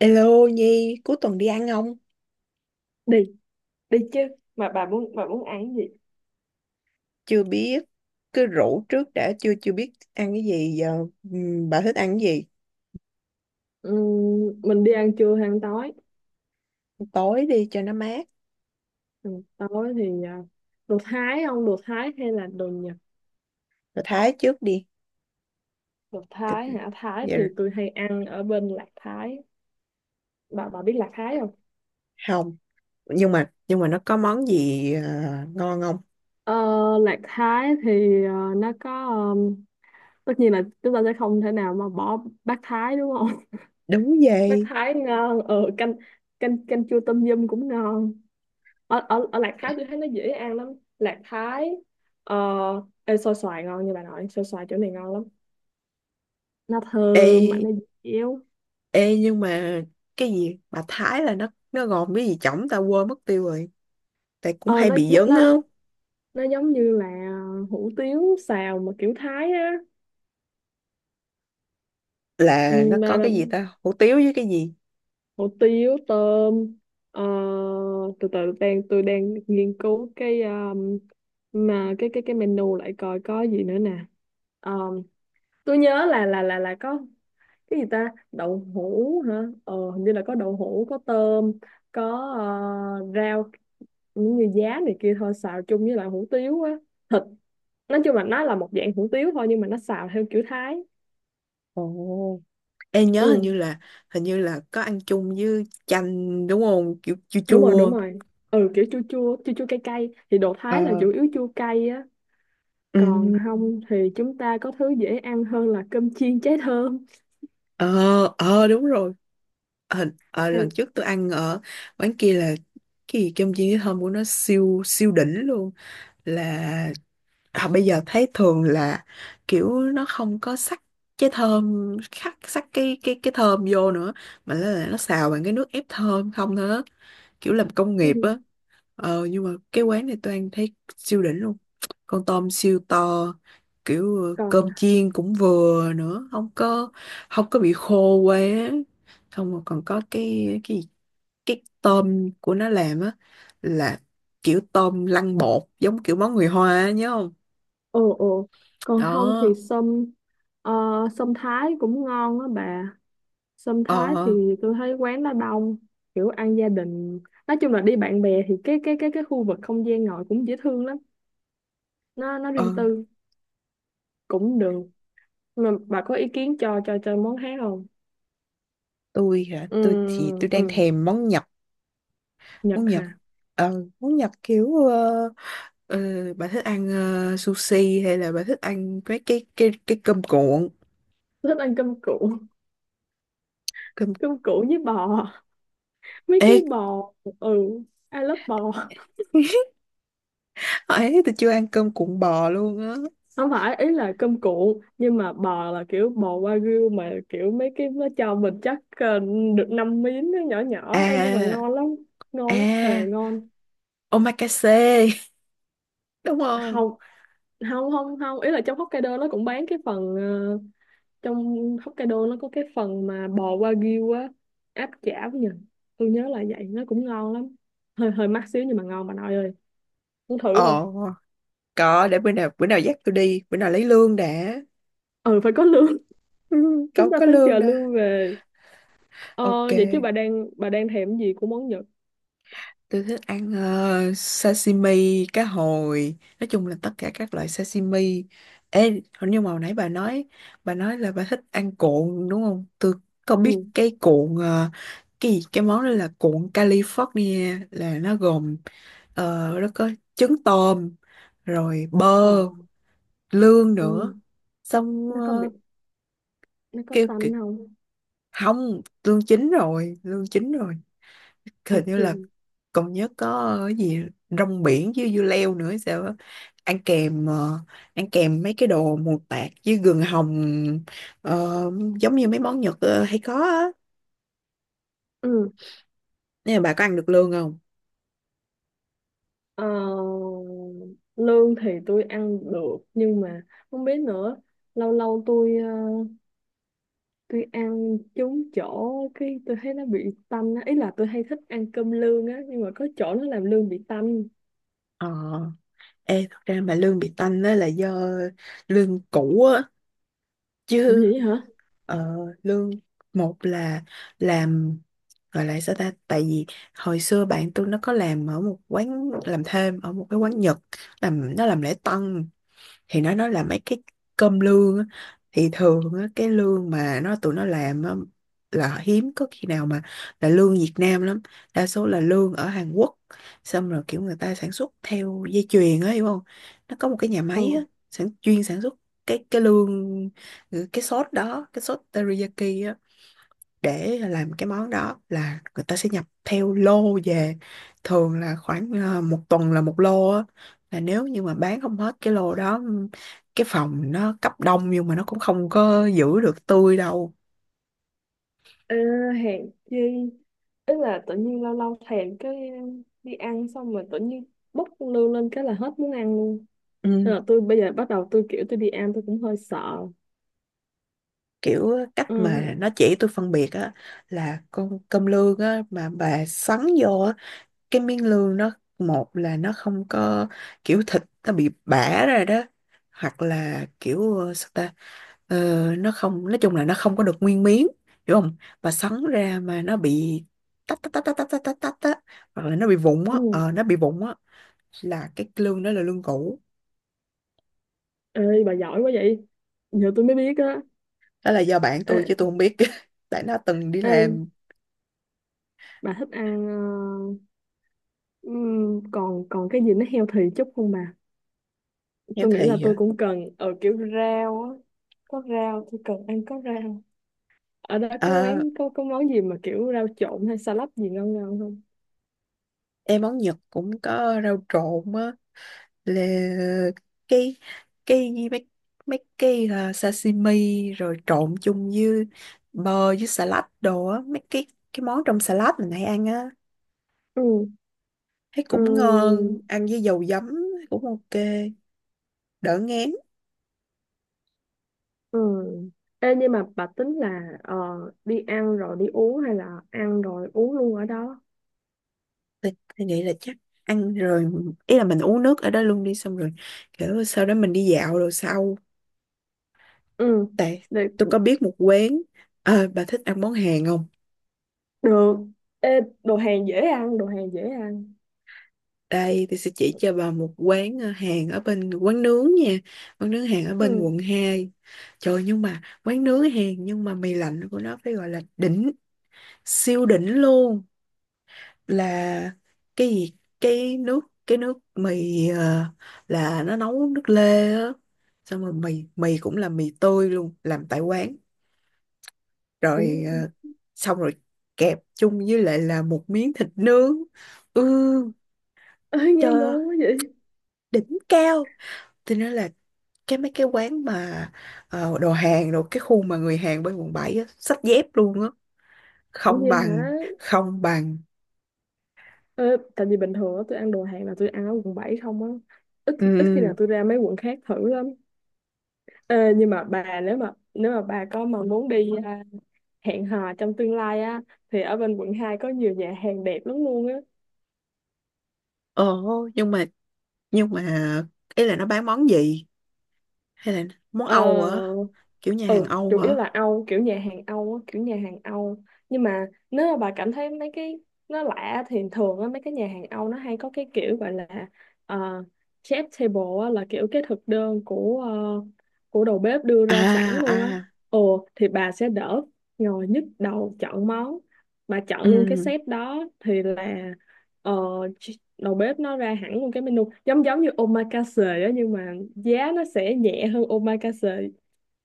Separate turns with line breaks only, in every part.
Hello Nhi, cuối tuần đi ăn không?
Đi, đi chứ. Mà bà muốn ăn gì?
Chưa biết, cứ rủ trước đã, chưa chưa biết ăn cái gì giờ. Bà thích ăn cái gì?
Mình đi ăn trưa hay ăn tối?
Tối đi cho nó mát,
Ăn tối thì đồ Thái không, đồ Thái hay là đồ Nhật?
rồi Thái trước đi.
Đồ
Thì-
Thái hả? Thái
Dạ,
thì tôi hay ăn ở bên Lạc Thái. Bà biết Lạc Thái không?
không, nhưng mà nó có món gì ngon không?
Ờ, Lạc Thái thì nó có, tất nhiên là chúng ta sẽ không thể nào mà bỏ bát Thái, đúng không?
Đúng
Bát
vậy.
Thái ngon, canh, canh chua tôm yum cũng ngon. Ở Lạc Thái tôi thấy nó dễ ăn lắm. Lạc Thái, ờ, ê, xôi xoài ngon. Như bà nội, xôi xoài chỗ này ngon lắm, nó
Ê,
thơm mà nó dẻo.
ê, nhưng mà cái gì bà Thái là nó gồm cái gì chổng ta quên mất tiêu rồi. Tại cũng
ờ,
hay
nó,
bị
nó
dấn
nó
á,
nó giống như là hủ tiếu xào mà kiểu Thái á. Ừ,
là nó
mà,
có
mà
cái gì ta, hủ tiếu với cái gì?
hủ tiếu tôm. ờ, Từ từ, tôi đang nghiên cứu cái mà cái menu lại coi có gì nữa nè. Ờ, tôi nhớ là có cái gì ta, đậu hũ hả? Ờ hình như là có đậu hũ, có tôm, có rau, những như giá này kia thôi, xào chung với lại hủ tiếu á, thịt. Nói chung là nó là một dạng hủ tiếu thôi nhưng mà nó xào theo kiểu Thái.
Ồ. Ê nhớ hình như
Ừ,
là hình như là có ăn chung với chanh đúng không? Kiểu chua
đúng rồi, đúng
chua.
rồi. Ừ, kiểu chua chua cay cay, thì đồ Thái là
Ờ,
chủ yếu chua cay á. Còn
ừ,
không thì chúng ta có thứ dễ ăn hơn là cơm chiên cháy thơm.
ờ, ờ, đúng rồi. Lần
Hay-
trước tôi ăn ở quán kia là cái gì cơm chiên với thơm của nó siêu siêu đỉnh luôn là à, bây giờ thấy thường là kiểu nó không có sắc cái thơm khắc sắc cái thơm vô nữa mà là nó xào bằng cái nước ép thơm không thôi á. Kiểu làm công
ừ.
nghiệp á. Nhưng mà cái quán này tôi ăn thấy siêu đỉnh luôn, con tôm siêu to, kiểu
Còn,
cơm chiên cũng vừa nữa, không có bị khô quá, xong rồi còn có cái gì? Cái tôm của nó làm á, là kiểu tôm lăn bột giống kiểu món người Hoa á, nhớ không?
ồ ồ, còn không thì
Đó.
sâm. Ờ, sâm Thái cũng ngon á bà. Sâm Thái
ờ
thì tôi thấy quán nó đông, kiểu ăn gia đình. Nói chung là đi bạn bè thì cái khu vực không gian ngồi cũng dễ thương lắm, nó
ờ
riêng tư, cũng được. Mà bà có ý kiến cho món khác không?
tôi hả?
Ừ,
Tôi đang
ừ,
thèm món Nhật.
Nhật
Món Nhật
hả?
món Nhật kiểu ờ, bà thích ăn sushi hay là bà thích ăn mấy cái cơm cuộn?
Tôi thích ăn cơm cuộn,
Cơm
cơm cuộn với bò. Mấy cái
ê
bò. Ừ, I love bò.
ấy tôi chưa ăn cơm cuộn bò luôn á.
Không phải ý là cơm cuộn nhưng mà bò, là kiểu bò wagyu, mà kiểu mấy cái nó cho mình chắc được năm miếng nó nhỏ nhỏ. Ê, nhưng mà
à
ngon lắm, ngon lắm, thề
à
ngon.
Omakase đúng không?
Không không không không ý là trong Hokkaido nó cũng bán cái phần trong Hokkaido nó có cái phần mà bò wagyu á, áp chảo nhỉ, tôi nhớ là vậy. Nó cũng ngon lắm, hơi hơi mắc xíu nhưng mà ngon bà nội ơi, muốn thử không?
Ồ, có, để bữa nào dắt tôi đi, bữa nào lấy lương đã.
Ừ, phải có lương.
Ừ,
Chúng
cậu
ta
có
phải
lương
chờ
đã.
lương về. Ờ,
Ok.
vậy chứ bà đang thèm cái gì của món Nhật?
Tôi thích ăn sashimi, cá hồi, nói chung là tất cả các loại sashimi. Ê, hình như mà hồi nãy bà nói là bà thích ăn cuộn đúng không? Tôi có
Ừ,
biết cái cuộn cái gì, cái món đó là cuộn California, là nó gồm ờ, nó có trứng tôm, rồi bơ,
ờ,
lương
ừ.
nữa. Xong
Nó có bị, nó có
kêu kì-
tanh không?
không, lương chín rồi, lương chín rồi. Hình như là
Ok.
còn nhớ có cái gì rong biển với dưa leo nữa hay sao á, ăn kèm ăn kèm mấy cái đồ mù tạt với gừng hồng, ờ, giống như mấy món Nhật hay có á.
Ừ.
Nên là bà có ăn được lương không?
Ờ, lương thì tôi ăn được nhưng mà không biết nữa, lâu lâu tôi tôi ăn trúng chỗ cái tôi thấy nó bị tanh á. Ý là tôi hay thích ăn cơm lương á, nhưng mà có chỗ nó làm lương bị tanh.
Ờ. Ê thật ra mà lương bị tanh đó là do lương cũ á
Ủa
chứ.
vậy hả?
Ờ, lương một là làm gọi là sao ta, tại vì hồi xưa bạn tôi nó có làm ở một cái quán Nhật, nó làm lễ tân, thì nó nói là mấy cái cơm lương á. Thì thường á, cái lương mà tụi nó làm á, là hiếm có khi nào mà là lương Việt Nam lắm, đa số là lương ở Hàn Quốc, xong rồi kiểu người ta sản xuất theo dây chuyền á, hiểu không? Nó có một cái nhà
Ờ,
máy á, chuyên sản xuất cái lương, cái sốt đó, cái sốt teriyaki á, để làm cái món đó là người ta sẽ nhập theo lô về, thường là khoảng một tuần là một lô á. Là nếu như mà bán không hết cái lô đó, cái phòng nó cấp đông nhưng mà nó cũng không có giữ được tươi đâu.
ờ, hèn chi. Ý là tự nhiên lâu lâu thèm cái đi ăn xong rồi tự nhiên bốc con lương lên cái là hết muốn ăn luôn. Nên
Ừ.
là tôi bây giờ bắt đầu tôi kiểu tôi đi ăn tôi cũng hơi sợ.
Kiểu cách mà
Ừ.
nó chỉ tôi phân biệt á, là con cơm lương á mà bà sắn vô á, cái miếng lương nó một là nó không có kiểu thịt, nó bị bã ra đó, hoặc là kiểu sao ta. Ờ, nó không, nói chung là nó không có được nguyên miếng, hiểu không? Và sắn ra mà nó bị tách tách tách tách tách tách tách tách á, hoặc là nó bị vụn
Ừ.
á, nó bị vụn á, là cái lương đó là lương cũ.
Ê, bà giỏi quá vậy. Giờ tôi mới biết á.
Đó là do bạn
Ê,
tôi chứ tôi không biết tại nó từng đi
ê,
làm.
bà thích ăn còn còn cái gì nó healthy chút không bà?
Heo
Tôi nghĩ
thị
là
hả?
tôi cũng cần ở kiểu rau á. Có rau, tôi cần ăn có rau. Ở đó có quán
Ờ,
có món gì mà kiểu rau trộn hay salad gì ngon ngon không?
em món Nhật cũng có rau trộn á, là cái cái gì mấy mấy cái à, sashimi rồi trộn chung với bơ với salad đồ á, mấy cái món trong salad mình hay ăn á,
Ừ,
thấy
ừ,
cũng ngon, ăn với dầu giấm cũng ok, đỡ ngán.
ừ. Ê, nhưng mà bà tính là đi ăn rồi đi uống hay là ăn rồi uống luôn ở đó?
thì, thì nghĩ là chắc ăn rồi, ý là mình uống nước ở đó luôn đi, xong rồi kiểu sau đó mình đi dạo rồi sau.
Ừ,
Tại
được.
tôi có biết một quán. Ờ, bà thích ăn món Hàn không?
Được. Ê, đồ hàng dễ ăn, đồ hàng dễ ăn.
Đây tôi sẽ chỉ cho bà một quán Hàn, ở bên quán nướng nha, quán nướng Hàn ở bên
Ừ.
quận 2. Trời, nhưng mà quán nướng Hàn nhưng mà mì lạnh của nó phải gọi là đỉnh, siêu đỉnh luôn. Là cái gì, cái nước, cái nước mì là nó nấu nước lê á, xong rồi mì mì cũng là mì tươi luôn, làm tại quán,
Ủa,
rồi xong rồi kẹp chung với lại là một miếng thịt nướng. Ừ.
ơ,
Trời
nghe
ơi,
ngon quá vậy.
đỉnh cao. Cho nên là cái mấy cái quán mà đồ hàng đồ, cái khu mà người Hàn bên quận 7 á xách dép luôn á,
Ủa
không
vậy
bằng
hả?
không bằng
Ờ, tại vì bình thường á tôi ăn đồ Hàn là tôi ăn ở quận 7 không á. Ít
Ừ,
Ít khi nào
ừ.
tôi ra mấy quận khác thử lắm. Ờ, nhưng mà bà nếu mà bà có mà muốn đi hẹn hò trong tương lai á, thì ở bên quận 2 có nhiều nhà hàng đẹp lắm luôn.
Ồ, nhưng mà, nhưng mà ý là nó bán món gì hay là món
Ờ,
Âu hả? Kiểu nhà hàng
ừ,
Âu
chủ yếu
hả?
là Âu, kiểu nhà hàng Âu á, kiểu nhà hàng Âu. Nhưng mà nếu mà bà cảm thấy mấy cái nó lạ thì thường á, mấy cái nhà hàng Âu nó hay có cái kiểu gọi là ờ, chef table á, là kiểu cái thực đơn của của đầu bếp đưa ra sẵn
À
luôn á.
à,
Ồ, thì bà sẽ đỡ ngồi nhức đầu chọn món. Bà chọn luôn cái
ừ,
set đó thì là ờ, đầu bếp nó ra hẳn luôn cái menu, giống giống như omakase á, nhưng mà giá nó sẽ nhẹ hơn omakase.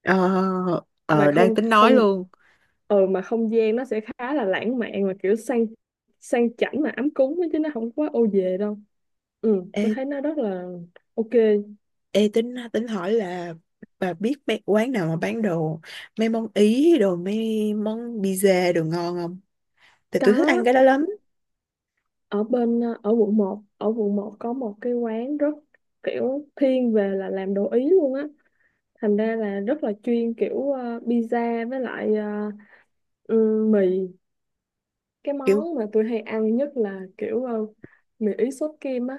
ờ,
Mà
đang
không,
tính nói
không,
luôn.
ừ mà không gian nó sẽ khá là lãng mạn, mà kiểu sang, sang chảnh mà ấm cúng á, chứ nó không quá ô về đâu. Ừ, tôi
ê,
thấy nó rất là ok.
ê tính tính hỏi là bà biết mấy quán nào mà bán đồ, mấy món Ý đồ, mấy món pizza đồ ngon không? Tại tôi thích ăn
Có,
cái đó lắm.
ở bên ở quận một, có một cái quán rất kiểu thiên về là làm đồ Ý luôn á, thành ra là rất là chuyên kiểu pizza với lại ừ, mì. Cái
Kiểu
món mà tôi hay ăn nhất là kiểu mì Ý sốt kem á,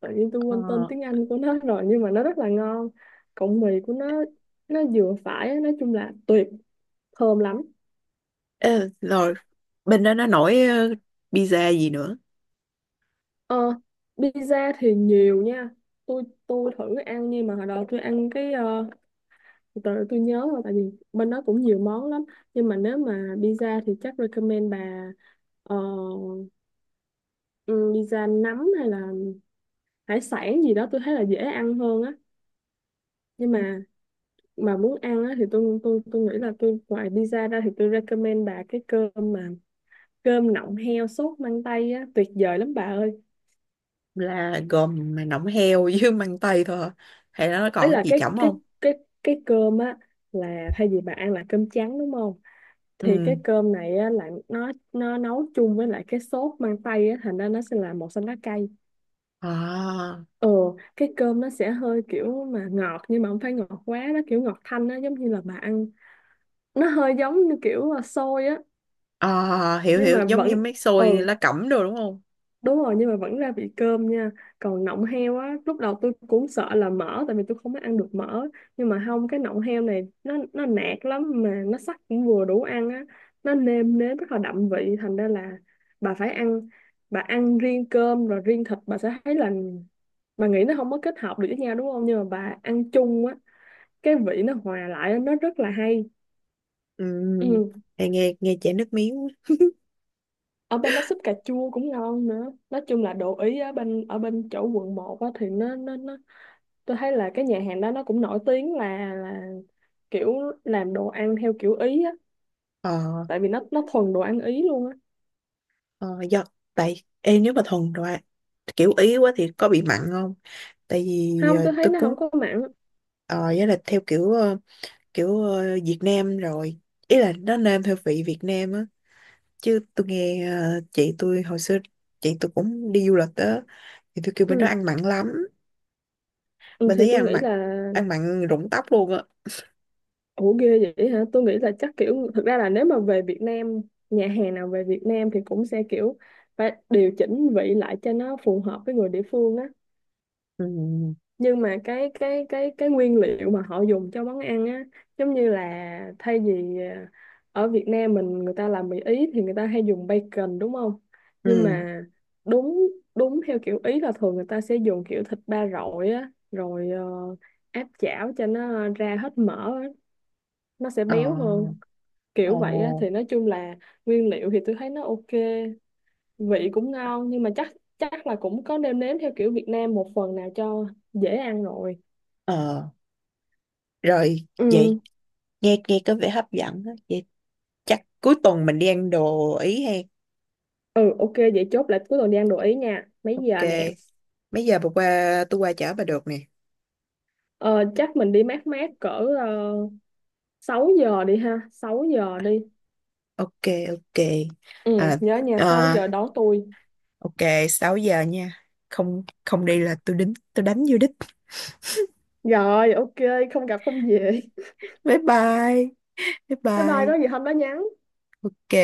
tự nhiên tôi quên tên
ờ,
tiếng Anh của nó rồi, nhưng mà nó rất là ngon. Cộng mì của nó vừa phải á, nói chung là tuyệt, thơm lắm.
ê, rồi bên đó nó nổi pizza gì nữa?
Ờ, pizza thì nhiều nha. Tôi thử ăn nhưng mà hồi đó tôi ăn cái từ từ tôi nhớ rồi, tại vì bên đó cũng nhiều món lắm. Nhưng mà nếu mà pizza thì chắc recommend bà ờ, ừ, pizza nấm hay là hải sản gì đó tôi thấy là dễ ăn hơn á. Nhưng Mà muốn ăn á, thì tôi tôi nghĩ là tôi ngoài pizza ra thì tôi recommend bà cái cơm mà cơm nọng heo sốt măng tây á, tuyệt vời lắm bà ơi.
Là gồm mà nọng heo với măng tây thôi hả? Hay là nó
Ấy
còn cái
là
gì chỏng không?
cái cái cơm á, là thay vì bà ăn là cơm trắng đúng không, thì
Ừ,
cái cơm này á là nó nấu chung với lại cái sốt măng tây á, thành ra nó sẽ là một xanh lá cây.
à.
Ừ, cái cơm nó sẽ hơi kiểu mà ngọt nhưng mà không phải ngọt quá, nó kiểu ngọt thanh á, giống như là bà ăn, nó hơi giống như kiểu xôi á.
À, hiểu
Nhưng
hiểu,
mà
giống như
vẫn,
mấy xôi
ừ,
lá cẩm đồ đúng không?
đúng rồi, nhưng mà vẫn ra vị cơm nha. Còn nọng heo á, lúc đầu tôi cũng sợ là mỡ tại vì tôi không có ăn được mỡ, nhưng mà không, cái nọng heo này nó nạc lắm, mà nó sắc cũng vừa đủ ăn á, nó nêm nếm rất là đậm vị. Thành ra là bà phải ăn, bà ăn riêng cơm rồi riêng thịt bà sẽ thấy là, bà nghĩ nó không có kết hợp được với nhau đúng không, nhưng mà bà ăn chung á, cái vị nó hòa lại á, nó rất là hay.
Ừ,
Ừ.
nghe nghe nghe chảy nước miếng.
Ở bên đó súp cà chua cũng ngon nữa. Nói chung là đồ ý ở bên, ở bên chỗ quận một á thì nó, tôi thấy là cái nhà hàng đó nó cũng nổi tiếng là kiểu làm đồ ăn theo kiểu Ý á,
Ờ,
tại vì nó thuần đồ ăn Ý luôn á.
ờ, Do tại em, nếu mà thuần rồi ạ, kiểu ý quá thì có bị mặn không? Tại vì
Không, tôi thấy
tôi
nó
cũng
không có mặn.
ờ với là theo kiểu kiểu Việt Nam rồi. Ý là nó nêm theo vị Việt Nam á, chứ tôi nghe chị tôi hồi xưa, chị tôi cũng đi du lịch á, thì tôi kêu bên đó
Ừ.
ăn mặn lắm.
Ừ
Bên
thì
đấy
tôi
ăn
nghĩ
mặn,
là,
ăn mặn rụng tóc luôn á.
ủa ghê vậy hả, tôi nghĩ là chắc kiểu thực ra là nếu mà về Việt Nam, nhà hàng nào về Việt Nam thì cũng sẽ kiểu phải điều chỉnh vị lại cho nó phù hợp với người địa phương á.
Ừ.
Nhưng mà cái nguyên liệu mà họ dùng cho món ăn á, giống như là thay vì ở Việt Nam mình người ta làm mì Ý thì người ta hay dùng bacon đúng không, nhưng
Ừ.
mà đúng đúng theo kiểu Ý là thường người ta sẽ dùng kiểu thịt ba rọi á, rồi áp chảo cho nó ra hết mỡ á, nó sẽ
Ờ.
béo hơn, kiểu vậy á.
Ồ,
Thì nói chung là nguyên liệu thì tôi thấy nó ok, vị cũng ngon, nhưng mà chắc chắc là cũng có nêm nếm theo kiểu Việt Nam một phần nào cho dễ ăn rồi.
ờ, rồi vậy,
Ừ,
nghe nghe có vẻ hấp dẫn đó. Vậy chắc cuối tuần mình đi ăn đồ Ý hay.
ừ ok. Vậy chốt lại cuối tuần đi ăn đồ Ý nha. Mấy
Ok.
giờ nè?
Mấy giờ bà qua tôi qua chở bà được nè.
Ờ, Chắc mình đi mát mát cỡ uh, 6 giờ đi ha, 6 giờ đi.
Ok, ok.
Ừ
À,
nhớ nhà 6
à,
giờ đón tôi.
ok, 6 giờ nha. Không không đi là tôi đính tôi đánh vô đích.
Rồi ok, không gặp không về.
Bye bye. Bye
Bye bye, có
bye.
gì hôm đó nhắn.
Ok.